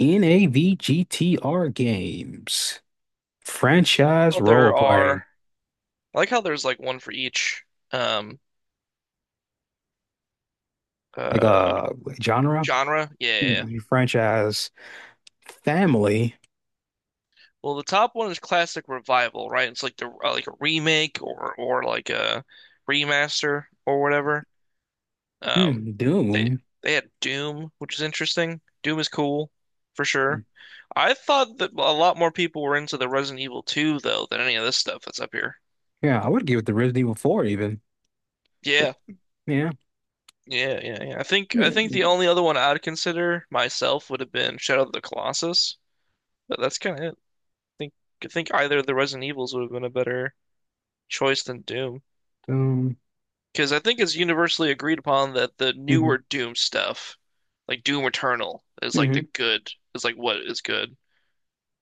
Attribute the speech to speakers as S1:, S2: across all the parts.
S1: NAVGTR games, franchise
S2: How
S1: role
S2: there are
S1: playing,
S2: I like how there's like one for each um uh
S1: like genre.
S2: genre. Yeah, yeah, yeah.
S1: Franchise, family.
S2: Well, the top one is classic revival, right? It's like the like a remake or like a remaster or whatever. Um they
S1: Doom.
S2: they had Doom, which is interesting. Doom is cool for sure. I thought that a lot more people were into the Resident Evil 2 though than any of this stuff that's up here.
S1: Yeah, I would give it the Resident Evil 4 even, but
S2: Yeah.
S1: yeah,
S2: Yeah, yeah, yeah. I think I
S1: yeah.
S2: think the only other one I'd consider myself would have been Shadow of the Colossus. But that's kind of it. Think I think either the Resident Evils would have been a better choice than Doom,
S1: um,
S2: because I think it's universally agreed upon that the
S1: hmm
S2: newer Doom stuff, like Doom Eternal,
S1: hmm
S2: is like what is good,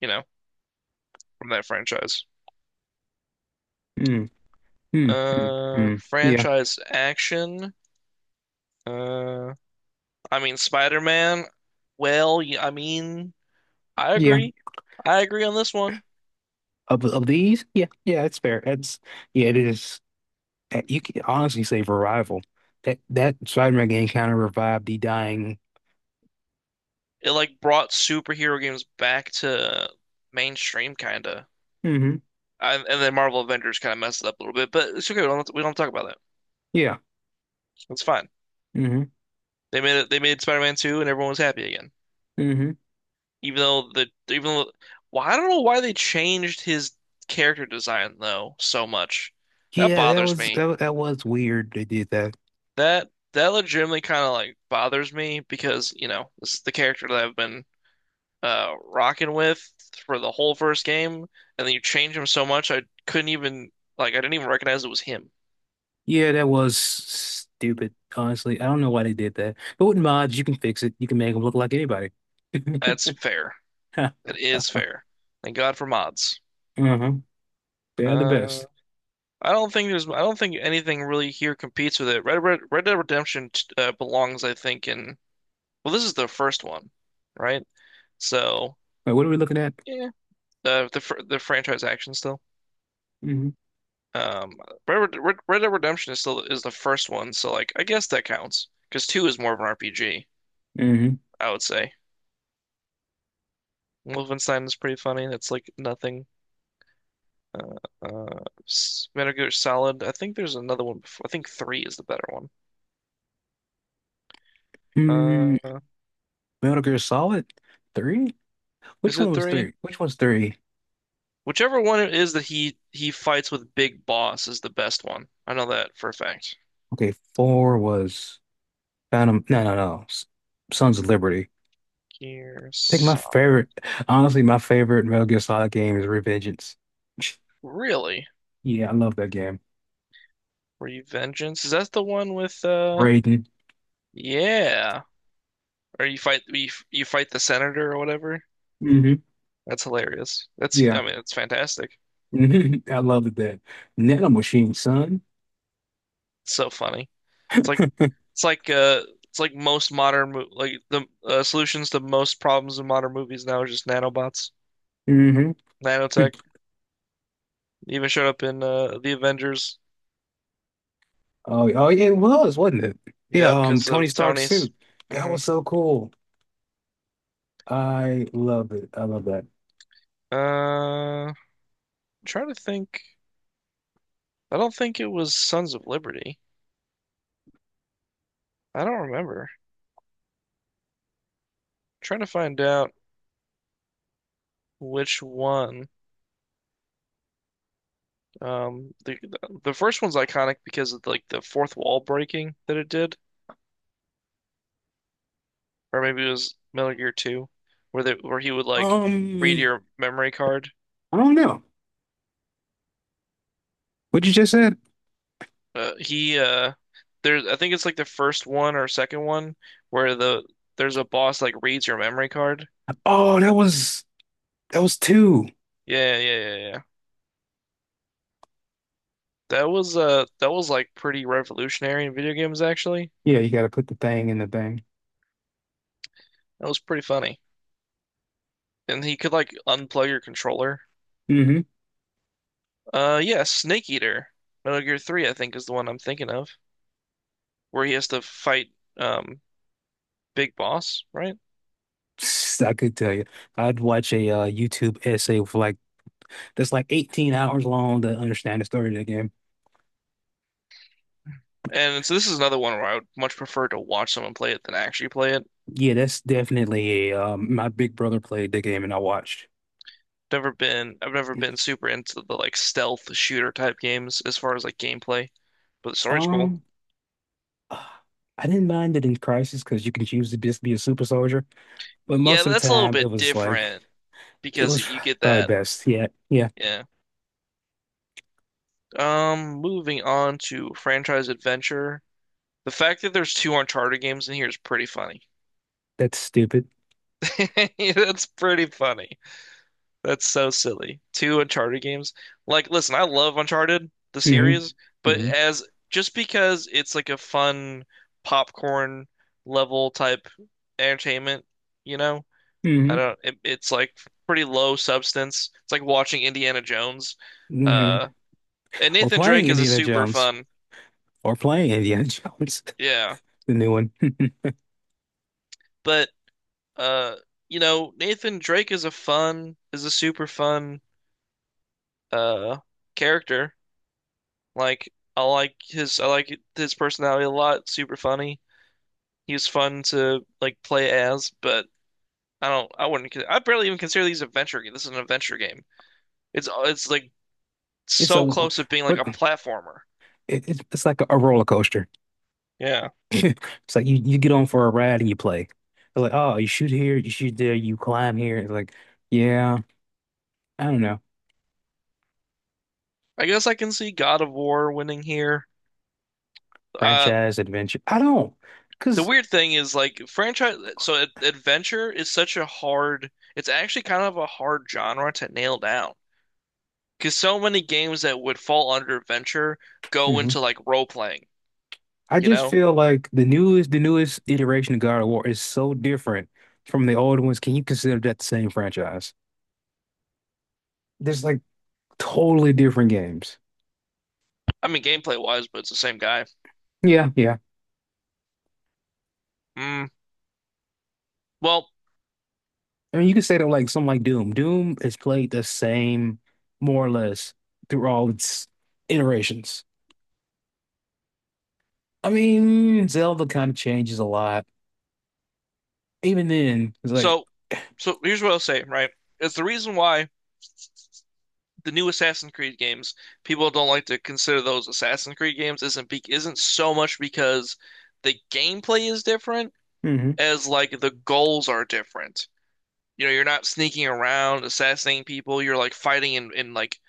S2: you know, from that franchise.
S1: mm, yeah,
S2: Franchise action. Uh, I mean Spider-Man. Well, I mean, I
S1: yeah.
S2: agree. I agree on this one.
S1: Of these, yeah, yeah, it's fair. It is. You can honestly say Revival. That Spider-Man game kind of revived the dying.
S2: It like brought superhero games back to mainstream, kinda.
S1: Hmm
S2: And then Marvel Avengers kind of messed it up a little bit, but it's okay. We don't talk about that.
S1: yeah.
S2: It's fine.
S1: Mm-hmm.
S2: They made it. They made Spider-Man 2, and everyone was happy again.
S1: hmm
S2: Even though the even though, Well, I don't know why they changed his character design though so much. That
S1: Yeah,
S2: bothers me.
S1: that was weird they did that.
S2: That legitimately kind of like bothers me because you know this is the character that I've been rocking with for the whole first game, and then you change him so much I couldn't even like I didn't even recognize it was him.
S1: Yeah, that was stupid, honestly. I don't know why they did that. But with mods, you can fix it. You can make them look like anybody.
S2: That's fair. That is fair. Thank God for mods.
S1: Uh-huh. They are the
S2: Uh,
S1: best.
S2: I don't think there's. I don't think anything really here competes with it. Red Dead Redemption belongs, I think, in. Well, this is the first one, right? So
S1: Wait, what are we looking at?
S2: yeah, the franchise action still.
S1: Mm-hmm.
S2: Um, Red Dead Redemption is the first one, so like I guess that counts because two is more of an RPG,
S1: Mm-hmm.
S2: I would say. Wolfenstein is pretty funny. That's like nothing. Uh, Metal Gear Solid. I think there's another one before. I think three is the better one.
S1: Mm,
S2: Uh,
S1: Metal Gear Solid 3? Which
S2: is
S1: one
S2: it
S1: was
S2: three?
S1: 3? Which one's 3?
S2: Whichever one it is that he fights with Big Boss is the best one. I know that for a fact.
S1: Okay, 4 was Phantom. No, no, no. S- Sons of Liberty.
S2: Gear
S1: I think my
S2: Solid.
S1: favorite, honestly, my favorite Metal Gear Solid game is Revengeance.
S2: Really?
S1: Yeah, I love that game.
S2: Revengeance? Is that the one with?
S1: Raiden.
S2: Yeah. Or you fight the senator or whatever?
S1: Hmm
S2: That's hilarious. That's
S1: Yeah.
S2: I mean it's fantastic.
S1: hmm I loved that. Nano Machine, son.
S2: It's so funny. It's like it's like uh it's like most modern mo like the solutions to most problems in modern movies now are just nanobots,
S1: Hmm
S2: nanotech. It even showed up in the Avengers.
S1: Oh, oh yeah, it was, wasn't it? Yeah,
S2: Yep, because
S1: Tony
S2: of
S1: Stark's
S2: Tony's.
S1: suit. That
S2: Hmm.
S1: was so cool. I love it. I love that.
S2: Uh, Trying to think. I don't think it was Sons of Liberty. I don't remember. Trying to find out which one. Um, the the first one's iconic because of like the fourth wall breaking that it did, or maybe it was Metal Gear 2, where they where he would like read
S1: Um,
S2: your memory card.
S1: I don't know. What you just said?
S2: He there's I think it's like the first one or second one where there's a boss like reads your memory card.
S1: Oh, that was two.
S2: Yeah, yeah, yeah, yeah, yeah. That was like pretty revolutionary in video games actually.
S1: Yeah, you gotta put the thing in the thing.
S2: That was pretty funny. And he could like unplug your controller.
S1: Hmm
S2: Yeah, Snake Eater. Metal Gear 3 I think is the one I'm thinking of where he has to fight um Big Boss, right?
S1: I could tell you. I'd watch a YouTube essay for like that's like 18 hours long to understand the story of the game.
S2: And so this is another one where I would much prefer to watch someone play it than actually play it.
S1: Yeah, that's definitely a my big brother played the game and I watched.
S2: Never been I've never been super into the like stealth shooter type games as far as like gameplay, but the story's cool.
S1: Um ah, I didn't mind it in Crisis because you can choose to just be a super soldier, but
S2: Yeah,
S1: most of the
S2: that's a little
S1: time it
S2: bit
S1: was like
S2: different
S1: it
S2: because
S1: was
S2: you get
S1: probably
S2: that,
S1: best. Yeah, yeah,
S2: yeah. Moving on to franchise adventure. The fact that there's two Uncharted games in here is pretty funny.
S1: that's stupid.
S2: That's pretty funny. That's so silly. Two Uncharted games. Like, listen, I love Uncharted, the
S1: Hmm
S2: series, but
S1: hmm
S2: as just because it's like a fun popcorn level type entertainment, you know, I
S1: hmm
S2: don't, it's like pretty low substance. It's like watching Indiana Jones.
S1: hmm
S2: Uh, and
S1: Or
S2: Nathan
S1: playing
S2: Drake is a
S1: Indiana
S2: super
S1: Jones.
S2: fun.
S1: Or playing Indiana Jones,
S2: Yeah.
S1: the new one.
S2: But Uh, Nathan Drake is is a super fun uh character. Like I like his personality a lot, super funny. He was fun to like play as, but I don't I wouldn't con- I barely even consider these adventure game. This is an adventure game. It's like
S1: It's a
S2: so
S1: what
S2: close to being like a platformer.
S1: it, it's like a roller coaster.
S2: Yeah.
S1: It's like you get on for a ride and you play. They're like, oh, you shoot here, you shoot there, you climb here. It's like, yeah, I don't know.
S2: I guess I can see God of War winning here. Uh
S1: Franchise adventure. I don't,
S2: The
S1: because
S2: weird thing is like franchise so ad adventure is such a hard it's actually kind of a hard genre to nail down because so many games that would fall under adventure go into like role playing,
S1: I
S2: you
S1: just
S2: know?
S1: feel like the newest iteration of God of War is so different from the old ones. Can you consider that the same franchise? There's like totally different games.
S2: I mean gameplay wise, but it's the same guy.
S1: Yeah, yeah.
S2: Mm. Well,
S1: I mean, you can say that like something like Doom. Doom is played the same, more or less, through all its iterations. I mean, Zelda kind of changes a lot. Even then, it's like,
S2: so so here's what I'll say, right? It's the reason why the new Assassin's Creed games, people don't like to consider those Assassin's Creed games isn't so much because the gameplay is different
S1: hmm
S2: as like the goals are different. You know, you're not sneaking around assassinating people. You're like fighting in, in like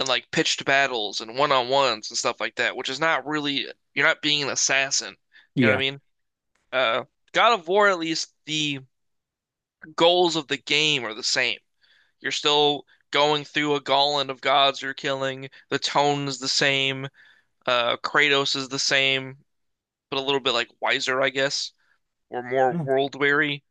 S2: in like pitched battles and one on ones and stuff like that, which is not really, you're not being an assassin. You know what I
S1: yeah.
S2: mean? Uh, God of War, at least the goals of the game are the same. You're still going through a gauntlet of gods you're killing. The tone is the same. Kratos is the same, but a little bit like wiser, I guess, or more
S1: No,
S2: world weary.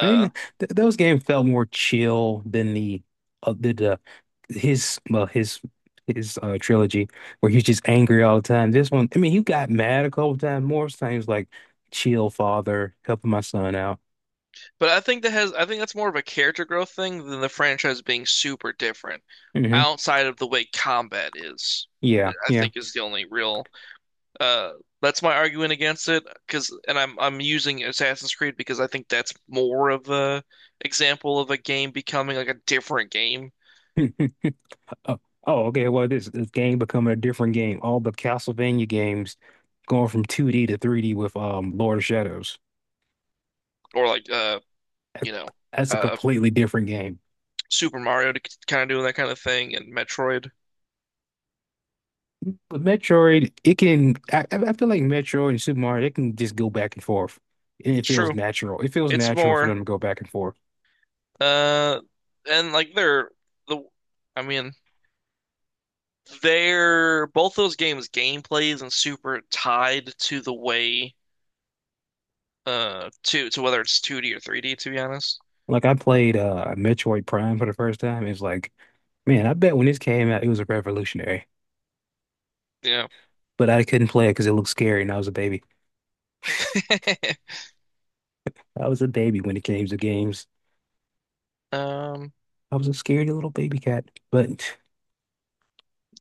S1: I mean, th those games felt more chill than the his well his trilogy where he's just angry all the time. This one, I mean, he got mad a couple times. More times like chill, father, helping my son out.
S2: But I think that's more of a character growth thing than the franchise being super different
S1: Hmm
S2: outside of the way combat is.
S1: Yeah,
S2: That I
S1: yeah.
S2: think is the only real, uh that's my argument against it. Because, and I'm using Assassin's Creed because I think that's more of a example of a game becoming like a different game
S1: Oh, oh, okay. Well, this game becoming a different game. All the Castlevania games going from 2D to 3D with Lord of Shadows.
S2: or like
S1: That-
S2: you know
S1: That's a
S2: uh
S1: completely different game.
S2: Super Mario to kind of doing that kind of thing and Metroid.
S1: But Metroid, it can. I feel like Metroid and Super Mario, they can just go back and forth, and it
S2: It's
S1: feels
S2: true.
S1: natural. It feels
S2: It's
S1: natural for
S2: more
S1: them to go back and forth.
S2: uh and like they're the I mean, they're both those games' gameplay isn't super tied to the way to whether it's 2D or 3D, to be honest.
S1: Like I played Metroid Prime for the first time. It's like, man, I bet when this came out, it was a revolutionary.
S2: Yeah.
S1: But I couldn't play it because it looked scary, and I was a baby. I was a baby when it came to games.
S2: Um,
S1: I was a scaredy little baby cat. But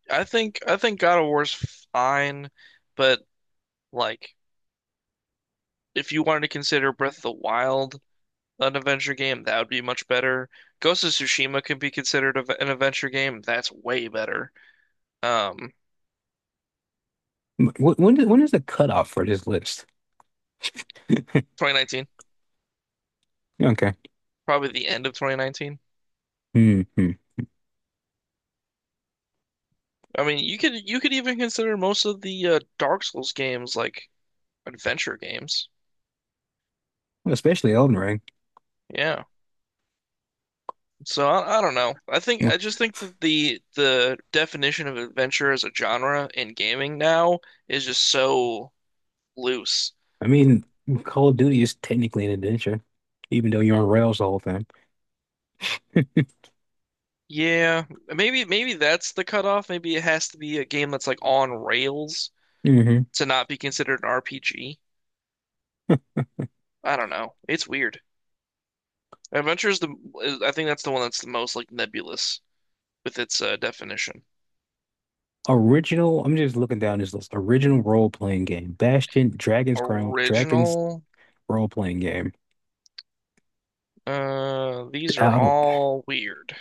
S2: I think God of War's fine, but like if you wanted to consider Breath of the Wild an adventure game, that would be much better. Ghost of Tsushima could be considered an adventure game. That's way better. Um,
S1: wh- when is the cutoff for this list?
S2: 2019,
S1: Okay.
S2: probably the end of 2019.
S1: hmm hmm.
S2: I mean, you could even consider most of the Dark Souls games like adventure games.
S1: Especially Elden Ring.
S2: Yeah. So I don't know.
S1: Hmm.
S2: I just think that the definition of adventure as a genre in gaming now is just so loose.
S1: I mean, Call of Duty is technically an adventure, even though you're on rails the whole time.
S2: Yeah, maybe that's the cutoff. Maybe it has to be a game that's like on rails
S1: Hmm
S2: to not be considered an RPG. I don't know. It's weird. Adventure is I think that's the one that's the most like nebulous with its definition.
S1: Original. I'm just looking down this list. Original role playing game: Bastion, Dragon's Crown, Dragon's
S2: Original.
S1: role playing game.
S2: These are
S1: I don't.
S2: all weird.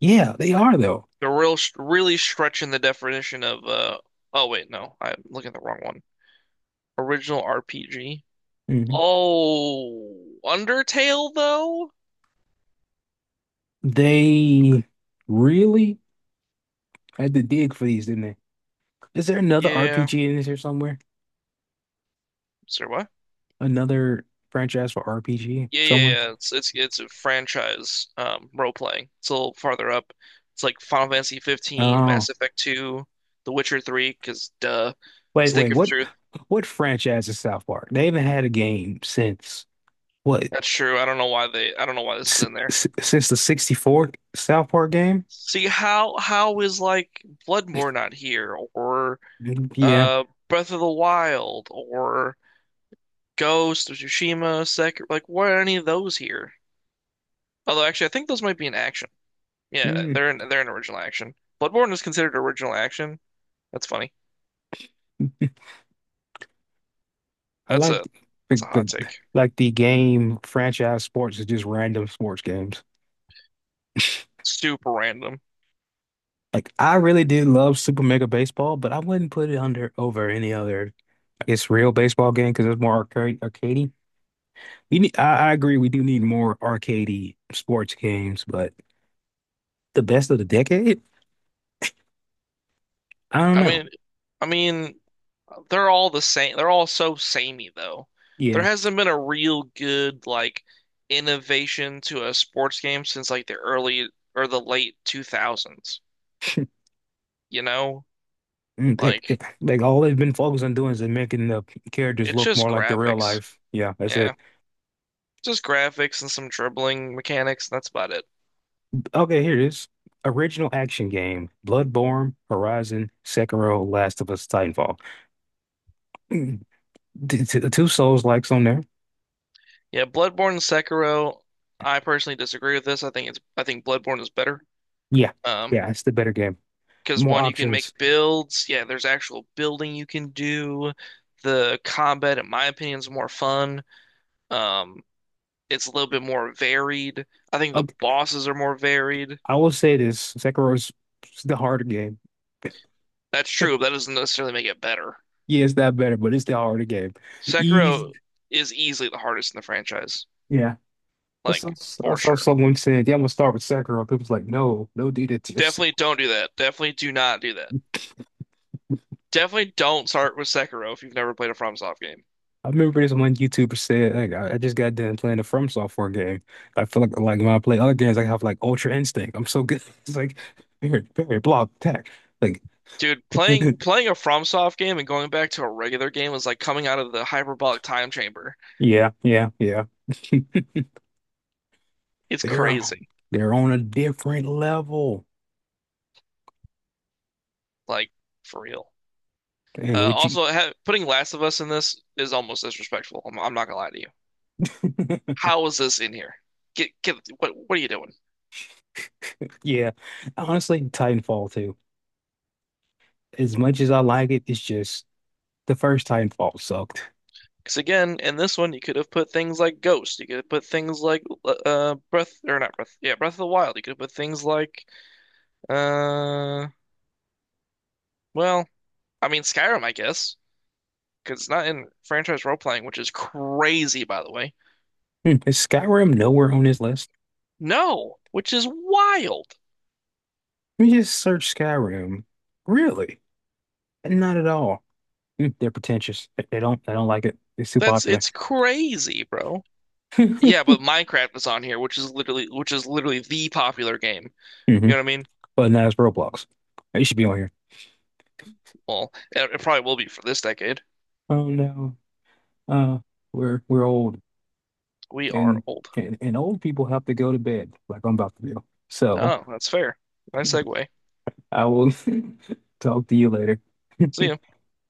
S1: Yeah, they are though.
S2: They're really stretching the definition of. Oh wait, no, I'm looking at the wrong one. Original RPG.
S1: Hmm
S2: Oh, Undertale though?
S1: They really had to dig for these, didn't they? Is there another
S2: Yeah.
S1: RPG in this here somewhere?
S2: Sorry, what?
S1: Another franchise for RPG
S2: Yeah, yeah,
S1: somewhere?
S2: yeah. It's a franchise role playing. It's a little farther up. It's like Final Fantasy 15,
S1: Oh,
S2: Mass Effect 2, The Witcher 3, because duh,
S1: wait, wait.
S2: Stick of Truth.
S1: What franchise is South Park? They haven't had a game since what?
S2: That's true. I don't know why they. I don't know why this
S1: S
S2: is in there.
S1: since the 64 South Park game?
S2: See how is like Bloodborne not here or
S1: Mm, yeah.
S2: Breath of the Wild or Ghost of Tsushima, Sekiro, like why are any of those here? Although actually I think those might be in action. Yeah,
S1: Mm,
S2: they're in original action. Bloodborne is considered original action. That's funny.
S1: I
S2: That's
S1: like
S2: a that's a hot
S1: the
S2: take.
S1: like the game franchise sports is just random sports games.
S2: Super random.
S1: Like I really did love Super Mega Baseball, but I wouldn't put it under over any other. It's real baseball game because it's more arcade, arcadey. I agree. We do need more arcadey sports games, but the best of the decade? I don't
S2: I
S1: know.
S2: mean I mean they're all the same. They're all so samey though. There
S1: Yeah.
S2: hasn't been a real good like innovation to a sports game since like the early or the late 2000s, you know?
S1: Mm,
S2: Like
S1: like all they've been focused on doing is making the characters
S2: it's
S1: look
S2: just
S1: more like the real
S2: graphics.
S1: life. Yeah, that's it.
S2: Yeah. Just graphics and some dribbling mechanics. That's about it.
S1: Okay, here it is. Original action game: Bloodborne, Horizon, Sekiro, Last of Us, Titanfall. Mm, two Souls-likes on there.
S2: Yeah, Bloodborne and Sekiro, I personally disagree with this. I think Bloodborne is better.
S1: Yeah,
S2: Um,
S1: yeah, it's the better game.
S2: because
S1: More
S2: one, you can make
S1: options.
S2: builds. Yeah, there's actual building you can do. The combat, in my opinion, is more fun. Um, it's a little bit more varied. I think the
S1: Um,
S2: bosses are more varied.
S1: I will say this: Sekiro is the harder game.
S2: That's true, but that doesn't necessarily make it better.
S1: Yeah, it's not better, but it's the heart game. Ease.
S2: Sekiro is easily the hardest in the franchise,
S1: Yeah. I
S2: like
S1: saw, I
S2: for
S1: saw
S2: sure.
S1: someone said, yeah, I'm gonna start with Sakura. People was like, no, no, do that to yourself.
S2: Definitely don't do that. Definitely do not do that. Definitely don't start with Sekiro if you've never played a FromSoft game.
S1: I remember this one YouTuber said, like, I just got done playing a From Software game. I feel like when I play other games, I have like Ultra Instinct. I'm so good. It's like very, very block attack. Like
S2: Dude, playing a FromSoft game and going back to a regular game is like coming out of the hyperbolic time chamber.
S1: yeah, yeah, yeah.
S2: It's
S1: They're
S2: crazy.
S1: they're on a different level.
S2: Like for real.
S1: And would you
S2: Also, ha putting Last of Us in this is almost disrespectful. I'm not gonna lie to you. How is this in here? Get what are you doing?
S1: yeah. Honestly, Titanfall too. As much as I like it, it's just the first Titanfall sucked.
S2: Because again, in this one, you could have put things like Ghost. You could have put things like Breath or not Breath. Yeah, Breath of the Wild. You could have put things like uh well, I mean Skyrim, I guess, because it's not in franchise role playing, which is crazy, by the way.
S1: Hmm, is Skyrim nowhere on this list?
S2: No, which is wild.
S1: Let me just search Skyrim. Really? Not at all. Hmm, they're pretentious. They don't like it. It's too
S2: That's
S1: popular.
S2: It's crazy, bro.
S1: hmm
S2: Yeah, but Minecraft is on here, which is literally the popular game. You know what I mean?
S1: But now it's Roblox. It should be on here.
S2: Well, it probably will be for this decade.
S1: Oh no. Uh, we're old,
S2: We
S1: and
S2: are old.
S1: and old people have to go to bed like I'm about to do. So
S2: Oh, that's fair. Nice segue.
S1: I will talk to you later.
S2: See ya.